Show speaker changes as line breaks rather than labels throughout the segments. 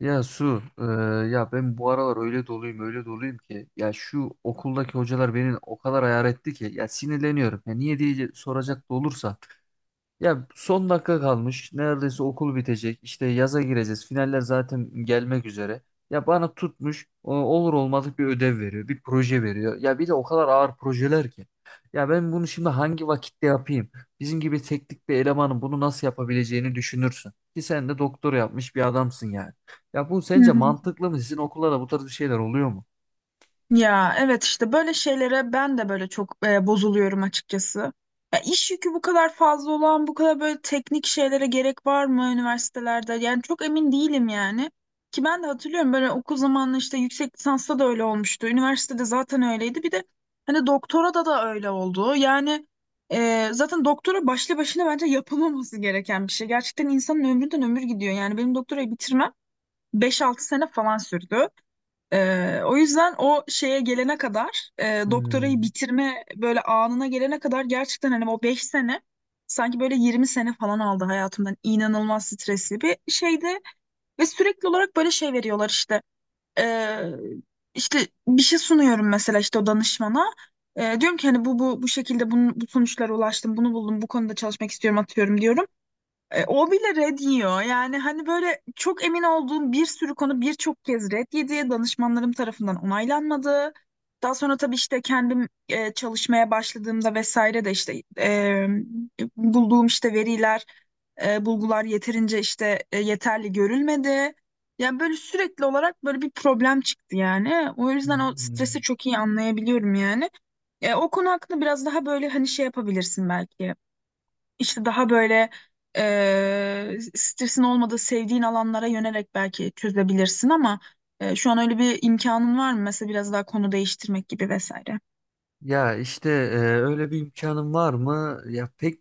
Ya Su, ya ben bu aralar öyle doluyum, öyle doluyum ki ya şu okuldaki hocalar beni o kadar ayar etti ki ya sinirleniyorum. Ya niye diye soracak da olursa, ya son dakika kalmış. Neredeyse okul bitecek. İşte yaza gireceğiz. Finaller zaten gelmek üzere. Ya bana tutmuş olur olmadık bir ödev veriyor. Bir proje veriyor. Ya bir de o kadar ağır projeler ki. Ya ben bunu şimdi hangi vakitte yapayım? Bizim gibi teknik bir elemanın bunu nasıl yapabileceğini düşünürsün. Ki sen de doktor yapmış bir adamsın yani. Ya bu
Hı
sence
hı.
mantıklı mı? Sizin okullarda bu tarz bir şeyler oluyor mu?
Ya evet işte böyle şeylere ben de böyle çok bozuluyorum açıkçası. Ya iş yükü bu kadar fazla olan, bu kadar böyle teknik şeylere gerek var mı üniversitelerde? Yani çok emin değilim yani. Ki ben de hatırlıyorum böyle okul zamanında işte yüksek lisansta da öyle olmuştu. Üniversitede zaten öyleydi. Bir de hani doktora da da öyle oldu. Yani zaten doktora başlı başına bence yapılmaması gereken bir şey. Gerçekten insanın ömründen ömür gidiyor. Yani benim doktorayı bitirmem beş altı sene falan sürdü. O yüzden o şeye gelene kadar doktorayı bitirme böyle anına gelene kadar gerçekten hani o 5 sene sanki böyle 20 sene falan aldı hayatımdan, inanılmaz stresli bir şeydi ve sürekli olarak böyle şey veriyorlar işte. Ee, işte bir şey sunuyorum mesela işte o danışmana. Diyorum ki hani bu şekilde bunun, bu sonuçlara ulaştım, bunu buldum, bu konuda çalışmak istiyorum atıyorum diyorum, o bile red yiyor. Yani hani böyle çok emin olduğum bir sürü konu birçok kez red yedi. Danışmanlarım tarafından onaylanmadı. Daha sonra tabii işte kendim çalışmaya başladığımda vesaire de işte e, bulduğum işte veriler, bulgular yeterince işte yeterli görülmedi. Yani böyle sürekli olarak böyle bir problem çıktı yani. O yüzden o
Hmm.
stresi çok iyi anlayabiliyorum yani. E, o konu hakkında biraz daha böyle hani şey yapabilirsin belki. İşte daha böyle stresin olmadığı sevdiğin alanlara yönelerek belki çözebilirsin ama şu an öyle bir imkanın var mı? Mesela biraz daha konu değiştirmek gibi vesaire.
Ya işte, öyle bir imkanım var mı? Ya pek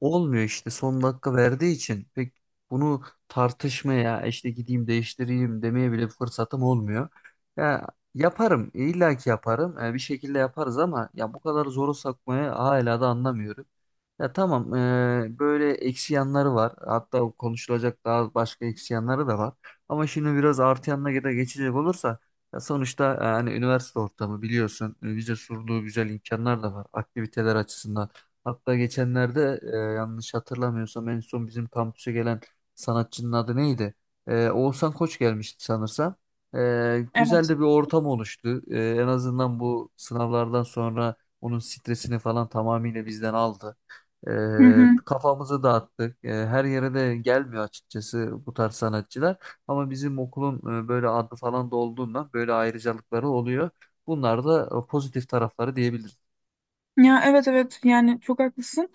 olmuyor işte son dakika verdiği için pek bunu tartışmaya işte gideyim değiştireyim demeye bile fırsatım olmuyor. Ya yaparım, illa ki yaparım. Bir şekilde yaparız ama ya bu kadar zoru sakmaya hala da anlamıyorum. Ya tamam, böyle eksi yanları var. Hatta konuşulacak daha başka eksi yanları da var. Ama şimdi biraz artı yanına da geçecek olursa, ya sonuçta, hani üniversite ortamı biliyorsun, bize sunduğu güzel imkanlar da var aktiviteler açısından. Hatta geçenlerde, yanlış hatırlamıyorsam en son bizim kampüse gelen sanatçının adı neydi? Oğuzhan Koç gelmişti sanırsam. Güzel
Evet.
de bir ortam oluştu. En azından bu sınavlardan sonra onun stresini falan tamamıyla bizden aldı.
Hı hı.
Kafamızı dağıttık. Her yere de gelmiyor açıkçası bu tarz sanatçılar. Ama bizim okulun böyle adı falan da olduğundan böyle ayrıcalıkları oluyor. Bunlar da pozitif tarafları diyebilirim.
Ya evet, evet, yani çok haklısın.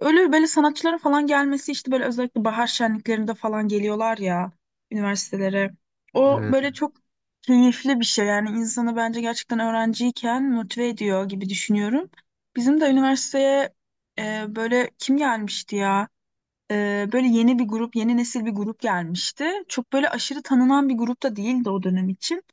Öyle böyle sanatçıların falan gelmesi işte böyle özellikle bahar şenliklerinde falan geliyorlar ya üniversitelere. O
Evet.
böyle çok keyifli bir şey yani, insanı bence gerçekten öğrenciyken motive ediyor gibi düşünüyorum. Bizim de üniversiteye böyle kim gelmişti ya? E, böyle yeni bir grup, yeni nesil bir grup gelmişti. Çok böyle aşırı tanınan bir grup da değildi o dönem için.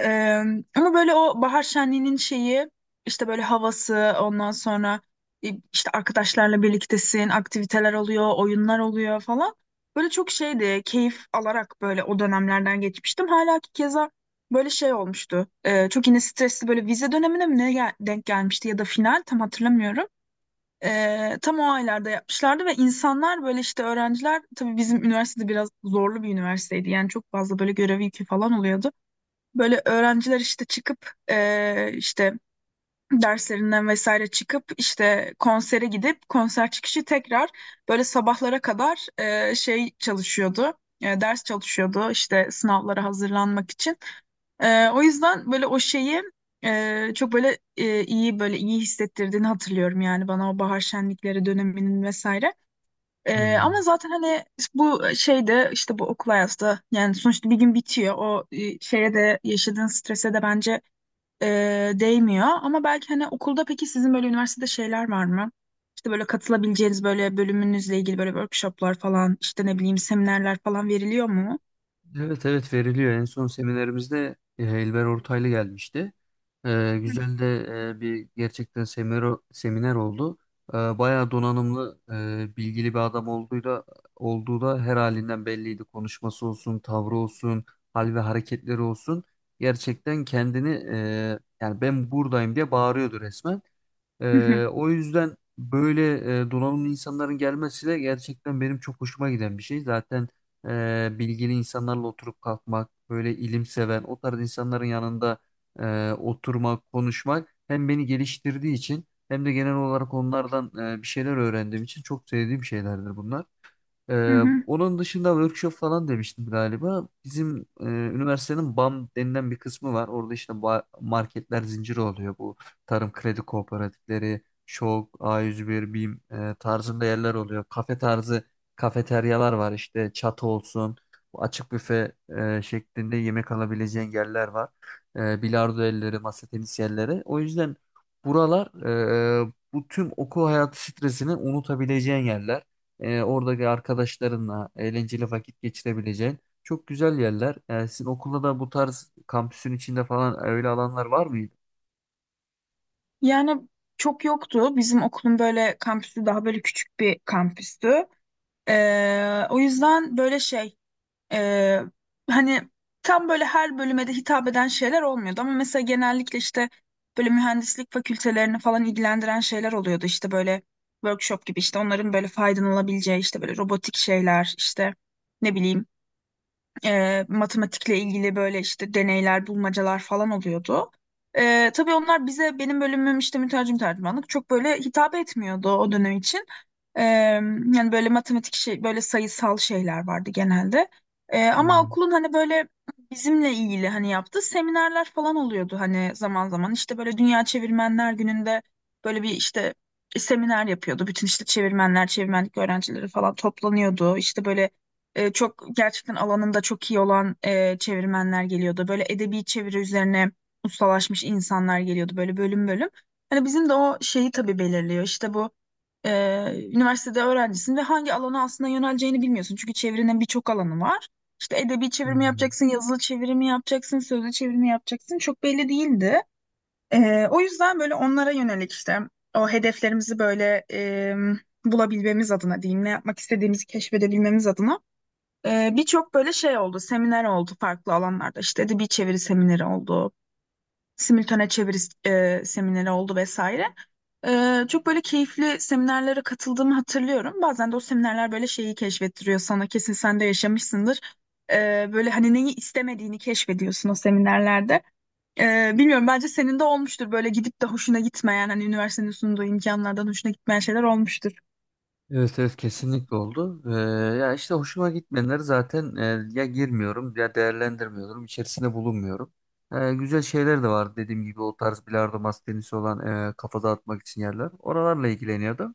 Ee, Ama böyle o bahar şenliğinin şeyi işte böyle havası, ondan sonra e, işte arkadaşlarla birliktesin, aktiviteler oluyor, oyunlar oluyor falan. Böyle çok şeydi, keyif alarak böyle o dönemlerden geçmiştim. Hala ki keza böyle şey olmuştu. Çok yine stresli böyle vize dönemine mi ne denk gelmişti ya da final, tam hatırlamıyorum. Tam o aylarda yapmışlardı ve insanlar böyle işte öğrenciler tabii, bizim üniversitede biraz zorlu bir üniversiteydi. Yani çok fazla böyle görev yükü falan oluyordu. Böyle öğrenciler işte çıkıp işte derslerinden vesaire çıkıp işte konsere gidip konser çıkışı tekrar böyle sabahlara kadar şey çalışıyordu. Ders çalışıyordu işte sınavlara hazırlanmak için. O yüzden böyle o şeyi çok böyle iyi, böyle iyi hissettirdiğini hatırlıyorum yani bana o bahar şenlikleri döneminin vesaire. Ama
Hmm.
zaten hani bu şeyde işte bu okul hayatı da yani sonuçta bir gün bitiyor. O şeye de yaşadığın strese de bence değmiyor. Ama belki hani okulda, peki sizin böyle üniversitede şeyler var mı? İşte böyle katılabileceğiniz böyle bölümünüzle ilgili böyle workshoplar falan, işte ne bileyim, seminerler falan veriliyor mu?
Evet, evet, veriliyor. En son seminerimizde, Elber Ortaylı gelmişti.
Hı.
Güzel de bir gerçekten seminer oldu. Bayağı donanımlı, bilgili bir adam olduğu da her halinden belliydi. Konuşması olsun, tavrı olsun, hal ve hareketleri olsun. Gerçekten kendini, yani ben buradayım diye bağırıyordu resmen.
Hı hı,
O yüzden böyle, donanımlı insanların gelmesi de gerçekten benim çok hoşuma giden bir şey. Zaten bilgili insanlarla oturup kalkmak, böyle ilim seven, o tarz insanların yanında oturmak, konuşmak hem beni geliştirdiği için hem de genel olarak onlardan bir şeyler öğrendiğim için çok sevdiğim şeylerdir bunlar.
hı hı.
Onun dışında workshop falan demiştim galiba. Bizim üniversitenin BAM denilen bir kısmı var. Orada işte marketler zinciri oluyor. Bu tarım kredi kooperatifleri, ŞOK, A101, BİM tarzında yerler oluyor. Kafe tarzı kafeteryalar var işte, çatı olsun. Bu açık büfe şeklinde yemek alabileceğin yerler var. Bilardo elleri, masa tenisi yerleri. O yüzden buralar bu tüm okul hayatı stresini unutabileceğin yerler. Oradaki arkadaşlarınla eğlenceli vakit geçirebileceğin çok güzel yerler. Sizin okulda da bu tarz kampüsün içinde falan öyle alanlar var mıydı?
Yani çok yoktu. Bizim okulun böyle kampüsü daha böyle küçük bir kampüstü. Ee, o yüzden böyle şey Ee, hani tam böyle her bölüme de hitap eden şeyler olmuyordu ama mesela genellikle işte böyle mühendislik fakültelerini falan ilgilendiren şeyler oluyordu, işte böyle workshop gibi, işte onların böyle faydalanabileceği işte böyle robotik şeyler, işte ne bileyim, matematikle ilgili böyle işte deneyler, bulmacalar falan oluyordu. Tabii onlar bize, benim bölümüm işte mütercim tercümanlık, çok böyle hitap etmiyordu o dönem için. Ee, Yani böyle matematik şey böyle sayısal şeyler vardı genelde. Ama
Hmm,
okulun hani böyle bizimle ilgili hani yaptığı seminerler falan oluyordu hani zaman zaman. İşte böyle Dünya Çevirmenler Günü'nde böyle bir işte seminer yapıyordu. Bütün işte çevirmenler, çevirmenlik öğrencileri falan toplanıyordu. İşte böyle çok gerçekten alanında çok iyi olan çevirmenler geliyordu. Böyle edebi çeviri üzerine ustalaşmış insanlar geliyordu böyle bölüm bölüm. Hani bizim de o şeyi tabii belirliyor. İşte bu üniversitede öğrencisin ve hangi alana aslında yöneleceğini bilmiyorsun. Çünkü çevirinin birçok alanı var. İşte edebi çevirimi
hmm.
yapacaksın, yazılı çevirimi yapacaksın, sözlü çevirimi yapacaksın. Çok belli değildi. O yüzden böyle onlara yönelik işte o hedeflerimizi böyle bulabilmemiz adına diyeyim, ne yapmak istediğimizi keşfedebilmemiz adına birçok böyle şey oldu, seminer oldu farklı alanlarda. İşte edebi çeviri semineri oldu, simültane çeviri semineri oldu vesaire. E, çok böyle keyifli seminerlere katıldığımı hatırlıyorum. Bazen de o seminerler böyle şeyi keşfettiriyor sana. Kesin sen de yaşamışsındır. E, böyle hani neyi istemediğini keşfediyorsun o seminerlerde. E, bilmiyorum, bence senin de olmuştur böyle gidip de hoşuna gitmeyen, hani üniversitenin sunduğu imkanlardan hoşuna gitmeyen şeyler olmuştur.
Evet, evet, kesinlikle oldu. Ya işte hoşuma gitmeyenleri zaten ya girmiyorum ya değerlendirmiyorum, içerisinde bulunmuyorum. Güzel şeyler de var dediğim gibi o tarz bilardo, masa tenisi olan kafa dağıtmak için yerler. Oralarla ilgileniyordum.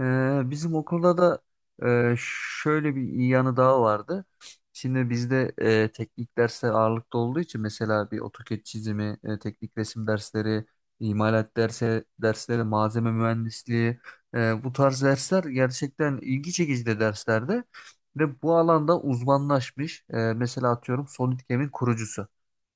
Bizim okulda da e, şöyle bir iyi yanı daha vardı. Şimdi bizde teknik dersler ağırlıklı olduğu için mesela bir AutoCAD çizimi, teknik resim dersleri, imalat dersi, dersleri, malzeme mühendisliği bu tarz dersler gerçekten ilgi çekici de derslerde ve bu alanda uzmanlaşmış. Mesela atıyorum SolidCAM'in kurucusu.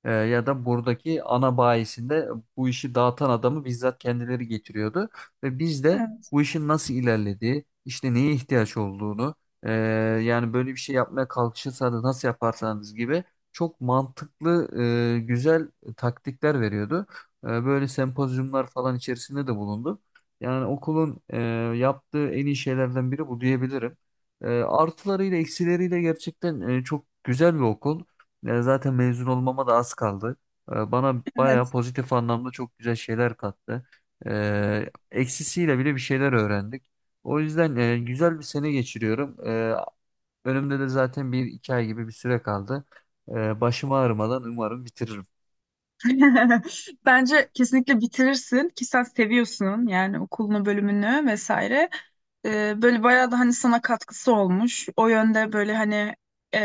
Ya da buradaki ana bayisinde bu işi dağıtan adamı bizzat kendileri getiriyordu. Ve biz de
Evet.
bu işin nasıl ilerlediği, işte neye ihtiyaç olduğunu, ee, yani böyle bir şey yapmaya kalkışırsanız nasıl yaparsanız gibi çok mantıklı, güzel taktikler veriyordu. Böyle sempozyumlar falan içerisinde de bulundu. Yani okulun yaptığı en iyi şeylerden biri bu diyebilirim. Artılarıyla eksileriyle gerçekten, çok güzel bir okul. Ya zaten mezun olmama da az kaldı. Bana bayağı
Evet.
pozitif anlamda çok güzel şeyler kattı. Eksisiyle bile bir şeyler öğrendik. O yüzden güzel bir sene geçiriyorum. Önümde de zaten bir iki ay gibi bir süre kaldı. Başım ağrımadan umarım bitiririm.
Bence kesinlikle bitirirsin ki sen seviyorsun yani okulunu, bölümünü vesaire. E, böyle bayağı da hani sana katkısı olmuş. O yönde böyle hani e,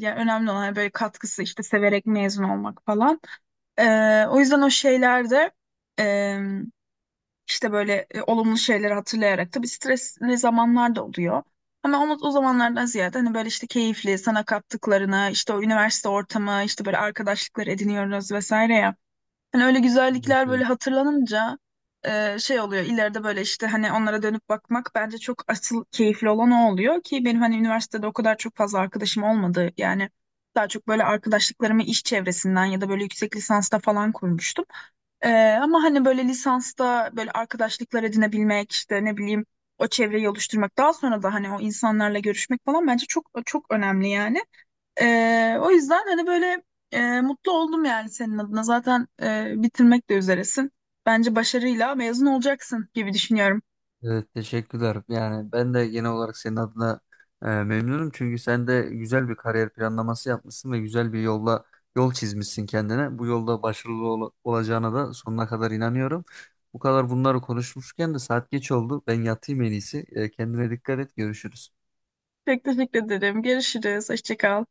yani önemli olan hani böyle katkısı, işte severek mezun olmak falan. E, o yüzden o şeylerde e, işte böyle olumlu şeyleri hatırlayarak, tabii stresli zamanlar da oluyor. Ama o zamanlardan ziyade hani böyle işte keyifli sana kattıklarına, işte o üniversite ortamı, işte böyle arkadaşlıklar ediniyoruz vesaire ya. Hani öyle
Evet,
güzellikler böyle
evet.
hatırlanınca şey oluyor ileride, böyle işte hani onlara dönüp bakmak bence çok asıl keyifli olan o oluyor ki benim hani üniversitede o kadar çok fazla arkadaşım olmadı yani, daha çok böyle arkadaşlıklarımı iş çevresinden ya da böyle yüksek lisansta falan kurmuştum. E, Ama hani böyle lisansta böyle arkadaşlıklar edinebilmek, işte ne bileyim, o çevreyi oluşturmak daha sonra da hani o insanlarla görüşmek falan bence çok çok önemli yani. O yüzden hani böyle mutlu oldum yani senin adına. Zaten bitirmek de üzeresin. Bence başarıyla mezun olacaksın gibi düşünüyorum.
Evet, teşekkürler. Yani ben de genel olarak senin adına memnunum. Çünkü sen de güzel bir kariyer planlaması yapmışsın ve güzel bir yolla yol çizmişsin kendine. Bu yolda başarılı olacağına da sonuna kadar inanıyorum. Bu kadar bunları konuşmuşken de saat geç oldu. Ben yatayım en iyisi. Kendine dikkat et. Görüşürüz.
Çok teşekkür ederim. Görüşürüz. Hoşça kal.